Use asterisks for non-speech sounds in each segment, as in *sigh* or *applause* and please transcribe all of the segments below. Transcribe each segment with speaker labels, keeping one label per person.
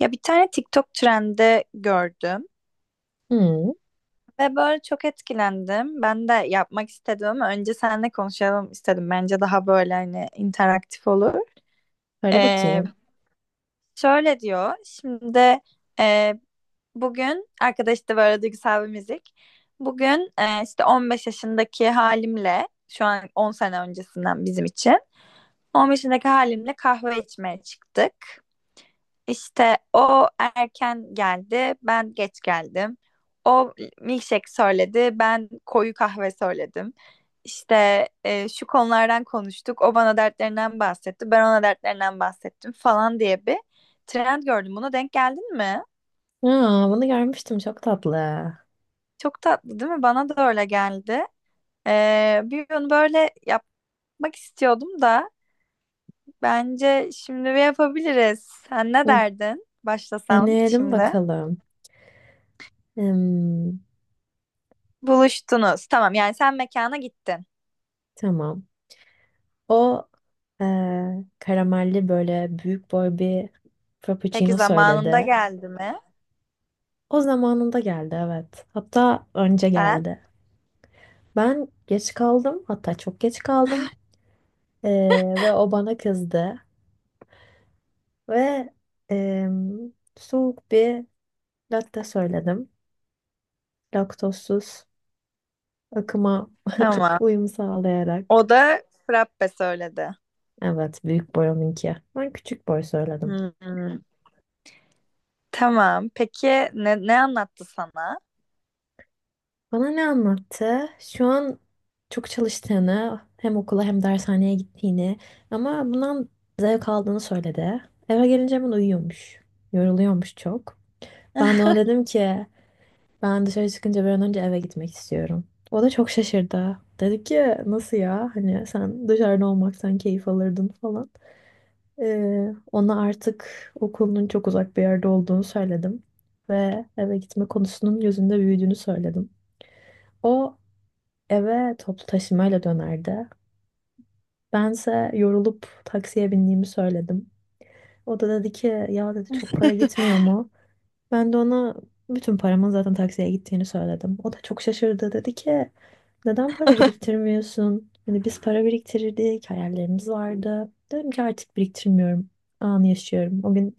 Speaker 1: Ya bir tane TikTok trendi gördüm
Speaker 2: Hmm,
Speaker 1: ve böyle çok etkilendim. Ben de yapmak istedim ama önce seninle konuşalım istedim. Bence daha böyle hani interaktif olur.
Speaker 2: böyle
Speaker 1: Ee,
Speaker 2: bakayım.
Speaker 1: Şöyle diyor. Şimdi e, bugün arkadaş da böyle duygusal bir müzik. Bugün işte 15 yaşındaki halimle şu an 10 sene öncesinden bizim için 15 yaşındaki halimle kahve içmeye çıktık. İşte o erken geldi, ben geç geldim. O milkshake söyledi, ben koyu kahve söyledim. İşte şu konulardan konuştuk, o bana dertlerinden bahsetti, ben ona dertlerinden bahsettim falan diye bir trend gördüm. Buna denk geldin mi?
Speaker 2: Aa, bunu görmüştüm. Çok tatlı.
Speaker 1: Çok tatlı değil mi? Bana da öyle geldi. Bir gün böyle yapmak istiyordum da bence şimdi bir yapabiliriz. Sen ne
Speaker 2: Hı,
Speaker 1: derdin? Başlasam
Speaker 2: deneyelim
Speaker 1: şimdi.
Speaker 2: bakalım. Hmm,
Speaker 1: Buluştunuz. Tamam yani sen mekana gittin.
Speaker 2: tamam. O karamelli böyle büyük boy bir
Speaker 1: Peki
Speaker 2: frappuccino
Speaker 1: zamanında
Speaker 2: söyledi.
Speaker 1: geldi mi?
Speaker 2: O zamanında geldi, evet. Hatta önce
Speaker 1: Sen?
Speaker 2: geldi. Ben geç kaldım. Hatta çok geç kaldım. Ve o bana kızdı. Ve em, soğuk bir latte söyledim. Laktozsuz akıma
Speaker 1: Tamam.
Speaker 2: uyum sağlayarak.
Speaker 1: O da frappe söyledi.
Speaker 2: Evet, büyük boy onunki. Ben küçük boy söyledim.
Speaker 1: Hmm. Tamam. Peki ne anlattı sana?
Speaker 2: Bana ne anlattı? Şu an çok çalıştığını, hem okula hem dershaneye gittiğini ama bundan zevk aldığını söyledi. Eve gelince hemen uyuyormuş. Yoruluyormuş çok. Ben de ona
Speaker 1: *laughs*
Speaker 2: dedim ki ben dışarı çıkınca bir an önce eve gitmek istiyorum. O da çok şaşırdı. Dedi ki nasıl ya? Hani sen dışarıda olmaktan keyif alırdın falan. Ona artık okulunun çok uzak bir yerde olduğunu söyledim ve eve gitme konusunun gözünde büyüdüğünü söyledim. O eve toplu taşımayla dönerdi. Bense yorulup taksiye bindiğimi söyledim. O da dedi ki ya dedi çok para gitmiyor mu? Ben de ona bütün paramın zaten taksiye gittiğini söyledim. O da çok şaşırdı. Dedi ki neden para biriktirmiyorsun? Hani biz para biriktirirdik, hayallerimiz vardı. Dedim ki artık biriktirmiyorum. Anı yaşıyorum. O gün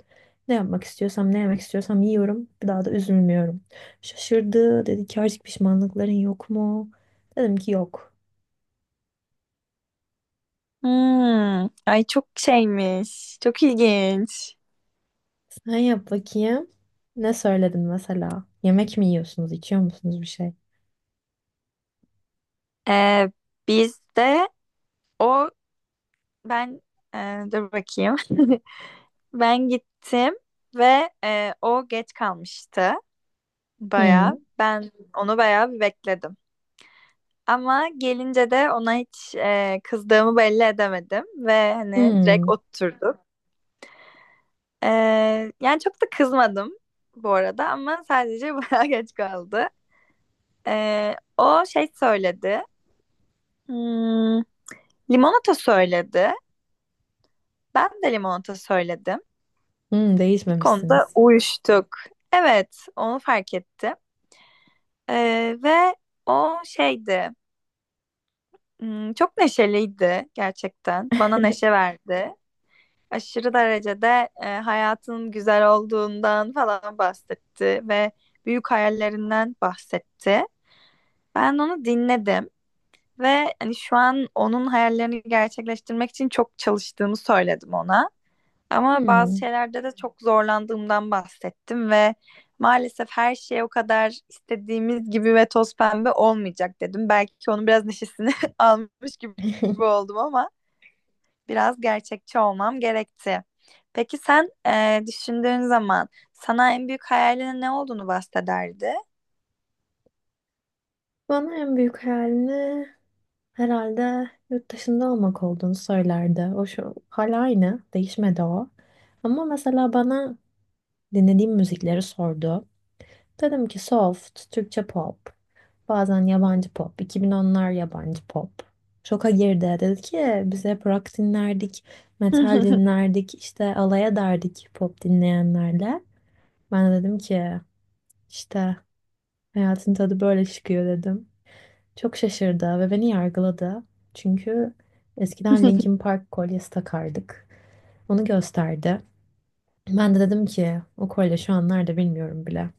Speaker 2: ne yapmak istiyorsam, ne yemek istiyorsam yiyorum. Bir daha da üzülmüyorum. Şaşırdı. Dedi ki artık pişmanlıkların yok mu? Dedim ki yok.
Speaker 1: Hmm. Ay çok şeymiş. Çok ilginç.
Speaker 2: Sen yap bakayım. Ne söyledin mesela? Yemek mi yiyorsunuz, içiyor musunuz bir şey?
Speaker 1: Ee, Biz de o ben dur bakayım. *laughs* Ben gittim ve o geç kalmıştı.
Speaker 2: Hmm.
Speaker 1: Bayağı. Ben onu bayağı bir bekledim. Ama gelince de ona hiç kızdığımı belli edemedim ve hani direkt
Speaker 2: Hmm.
Speaker 1: oturduk. E, Yani çok da kızmadım bu arada ama sadece *laughs* bayağı geç kaldı. O şey söyledi. Hmm, limonata söyledi. Ben de limonata söyledim.
Speaker 2: Hmm.
Speaker 1: Bir konuda
Speaker 2: Değişmemişsiniz.
Speaker 1: uyuştuk. Evet, onu fark ettim. E, Ve o şeydi. Hmm, çok neşeliydi gerçekten. Bana neşe verdi. Aşırı derecede hayatın güzel olduğundan falan bahsetti ve büyük hayallerinden bahsetti. Ben onu dinledim ve hani şu an onun hayallerini gerçekleştirmek için çok çalıştığımı söyledim ona. Ama bazı
Speaker 2: Hmm.
Speaker 1: şeylerde de çok zorlandığımdan bahsettim ve maalesef her şey o kadar istediğimiz gibi ve toz pembe olmayacak dedim. Belki onun biraz neşesini *laughs* almış gibi
Speaker 2: *laughs*
Speaker 1: oldum ama biraz gerçekçi olmam gerekti. Peki sen düşündüğün zaman sana en büyük hayalinin ne olduğunu bahsederdi?
Speaker 2: Bana en büyük hayalini herhalde yurt dışında olmak olduğunu söylerdi. O şu hala aynı, değişmedi o. Ama mesela bana dinlediğim müzikleri sordu. Dedim ki soft, Türkçe pop, bazen yabancı pop, 2010'lar yabancı pop. Şoka girdi. Dedi ki biz hep rock dinlerdik, metal
Speaker 1: *laughs*
Speaker 2: dinlerdik, işte alay ederdik pop dinleyenlerle. Ben de dedim ki işte hayatın tadı böyle çıkıyor dedim. Çok şaşırdı ve beni yargıladı. Çünkü eskiden Linkin Park kolyesi takardık. Onu gösterdi. Ben de dedim ki o kolye şu an nerede bilmiyorum bile.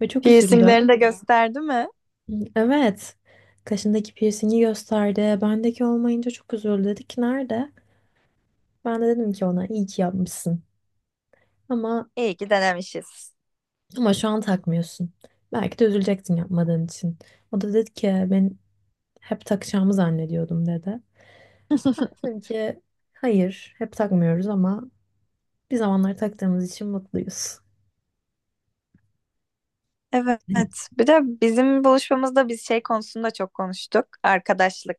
Speaker 2: Ve çok üzüldü.
Speaker 1: Piercinglerini de gösterdi mi?
Speaker 2: Evet. Kaşındaki piercingi gösterdi. Bendeki olmayınca çok üzüldü. Dedi ki nerede? Ben de dedim ki ona iyi ki yapmışsın. Ama
Speaker 1: İyi ki denemişiz.
Speaker 2: şu an takmıyorsun. Belki de üzülecektin yapmadığın için. O da dedi ki ben hep takacağımı zannediyordum dedi.
Speaker 1: *laughs*
Speaker 2: Dedim ki hayır hep takmıyoruz ama bir zamanlar taktığımız için mutluyuz. *laughs*
Speaker 1: Evet. Bir de bizim buluşmamızda biz şey konusunda çok konuştuk. Arkadaşlık.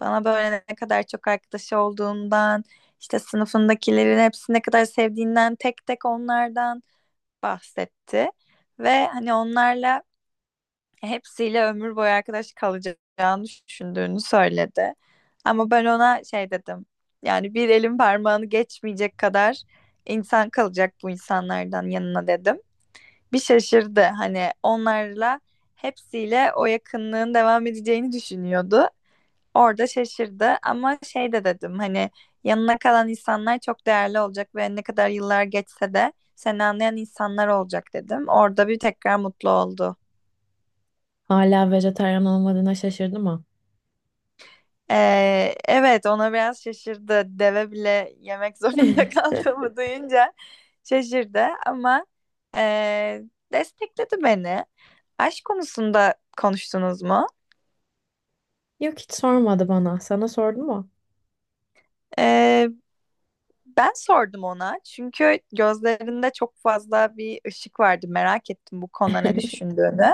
Speaker 1: Bana böyle ne kadar çok arkadaşı olduğundan, işte sınıfındakilerin hepsini ne kadar sevdiğinden, tek tek onlardan bahsetti. Ve hani onlarla hepsiyle ömür boyu arkadaş kalacağını düşündüğünü söyledi. Ama ben ona şey dedim. Yani bir elin parmağını geçmeyecek kadar insan kalacak bu insanlardan yanına dedim. Bir şaşırdı. Hani onlarla hepsiyle o yakınlığın devam edeceğini düşünüyordu. Orada şaşırdı ama şey de dedim hani yanına kalan insanlar çok değerli olacak ve ne kadar yıllar geçse de seni anlayan insanlar olacak dedim. Orada bir tekrar mutlu oldu.
Speaker 2: Hala vejetaryen olmadığına şaşırdım ama.
Speaker 1: Evet ona biraz şaşırdı. Deve bile yemek *laughs* zorunda
Speaker 2: *laughs*
Speaker 1: kaldığımı duyunca şaşırdı ama ee, destekledi beni. Aşk konusunda konuştunuz mu?
Speaker 2: Yok hiç sormadı bana. Sana sordu mu?
Speaker 1: Ee, Ben sordum ona çünkü gözlerinde çok fazla bir ışık vardı. Merak ettim bu konuda ne
Speaker 2: *laughs*
Speaker 1: düşündüğünü.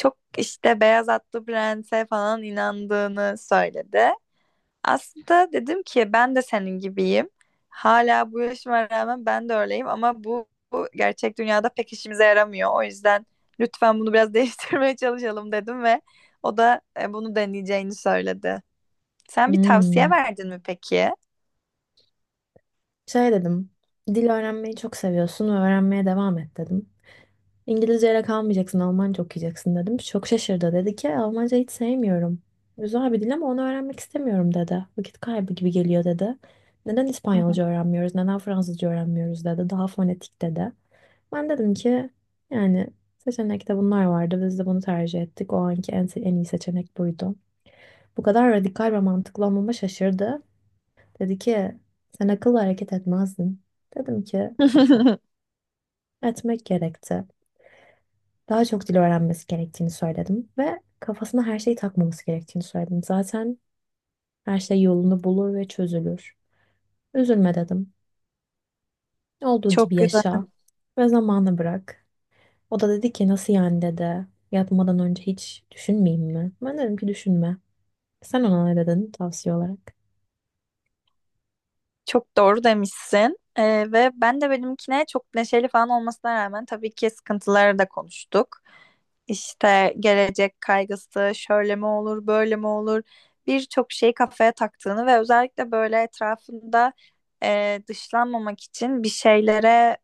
Speaker 1: Çok işte Beyaz Atlı Prens'e falan inandığını söyledi. Aslında dedim ki ben de senin gibiyim. Hala bu yaşıma rağmen ben de öyleyim ama bu gerçek dünyada pek işimize yaramıyor. O yüzden lütfen bunu biraz *laughs* değiştirmeye çalışalım dedim ve o da bunu deneyeceğini söyledi. Sen bir tavsiye
Speaker 2: Hmm.
Speaker 1: verdin mi peki?
Speaker 2: Şey dedim. Dil öğrenmeyi çok seviyorsun ve öğrenmeye devam et dedim. İngilizceyle kalmayacaksın, Almanca okuyacaksın dedim. Çok şaşırdı. Dedi ki "E, Almanca hiç sevmiyorum. Güzel bir dil ama onu öğrenmek istemiyorum dedi. Vakit kaybı gibi geliyor dedi. Neden
Speaker 1: Hı hı.
Speaker 2: İspanyolca öğrenmiyoruz, neden Fransızca öğrenmiyoruz dedi. Daha fonetik dedi. Ben dedim ki yani seçenekte bunlar vardı. Biz de bunu tercih ettik. O anki en iyi seçenek buydu. Bu kadar radikal ve mantıklı olmama şaşırdı. Dedi ki sen akıllı hareket etmezdin. Dedim ki
Speaker 1: *laughs*
Speaker 2: etmek gerekti. Daha çok dil öğrenmesi gerektiğini söyledim. Ve kafasına her şeyi takmaması gerektiğini söyledim. Zaten her şey yolunu bulur ve çözülür. Üzülme dedim. Olduğu
Speaker 1: Çok
Speaker 2: gibi
Speaker 1: güzel.
Speaker 2: yaşa ve zamanı bırak. O da dedi ki nasıl yani dedi. Yatmadan önce hiç düşünmeyeyim mi? Ben dedim ki düşünme. Sen ona ne dedin tavsiye olarak?
Speaker 1: Çok doğru demişsin. Ve ben de benimkine çok neşeli falan olmasına rağmen tabii ki sıkıntıları da konuştuk. İşte gelecek kaygısı, şöyle mi olur, böyle mi olur, birçok şeyi kafaya taktığını ve özellikle böyle etrafında dışlanmamak için bir şeylere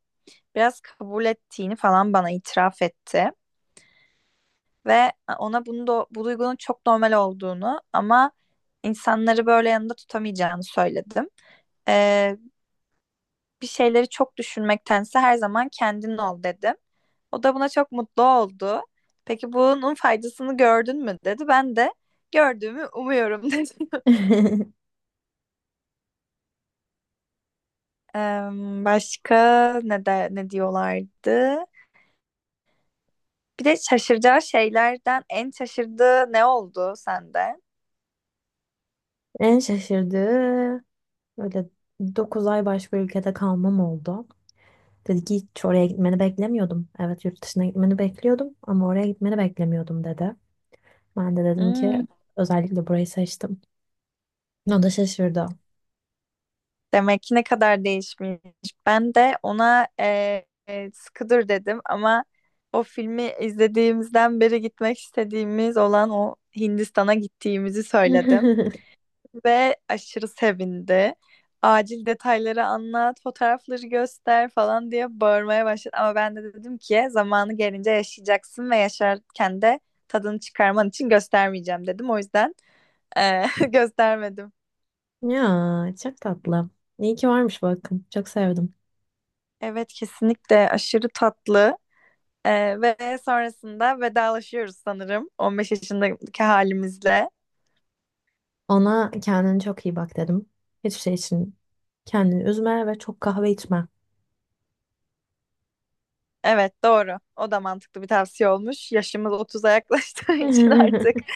Speaker 1: biraz kabul ettiğini falan bana itiraf etti. Ve ona bunu da, bu duygunun çok normal olduğunu ama insanları böyle yanında tutamayacağını söyledim. Ee, Bir şeyleri çok düşünmektense her zaman kendin ol dedim. O da buna çok mutlu oldu. Peki bunun faydasını gördün mü dedi. Ben de gördüğümü umuyorum *laughs* dedim.
Speaker 2: *laughs*
Speaker 1: Em, başka ne diyorlardı? Bir de şaşıracağı şeylerden en şaşırdığı ne oldu sende?
Speaker 2: En şaşırdığı böyle 9 ay başka ülkede kalmam oldu. Dedi ki hiç oraya gitmeni beklemiyordum. Evet yurt dışına gitmeni bekliyordum ama oraya gitmeni beklemiyordum dedi. Ben de dedim ki
Speaker 1: Hmm,
Speaker 2: özellikle burayı seçtim. O da şaşırdı.
Speaker 1: demek ki ne kadar değişmiş. Ben de ona Skıdır dedim ama o filmi izlediğimizden beri gitmek istediğimiz olan o Hindistan'a gittiğimizi söyledim
Speaker 2: *laughs*
Speaker 1: ve aşırı sevindi. Acil detayları anlat, fotoğrafları göster falan diye bağırmaya başladı. Ama ben de dedim ki zamanı gelince yaşayacaksın ve yaşarken de tadını çıkarman için göstermeyeceğim dedim. O yüzden e, *laughs* göstermedim.
Speaker 2: Ya çok tatlı. İyi ki varmış bakın. Çok sevdim.
Speaker 1: Evet kesinlikle aşırı tatlı. Ve sonrasında vedalaşıyoruz sanırım 15 yaşındaki halimizle.
Speaker 2: Ona kendine çok iyi bak dedim. Hiçbir şey için kendini üzme ve çok kahve içme.
Speaker 1: Evet doğru. O da mantıklı bir tavsiye olmuş. Yaşımız 30'a yaklaştığı *laughs* için artık
Speaker 2: *laughs*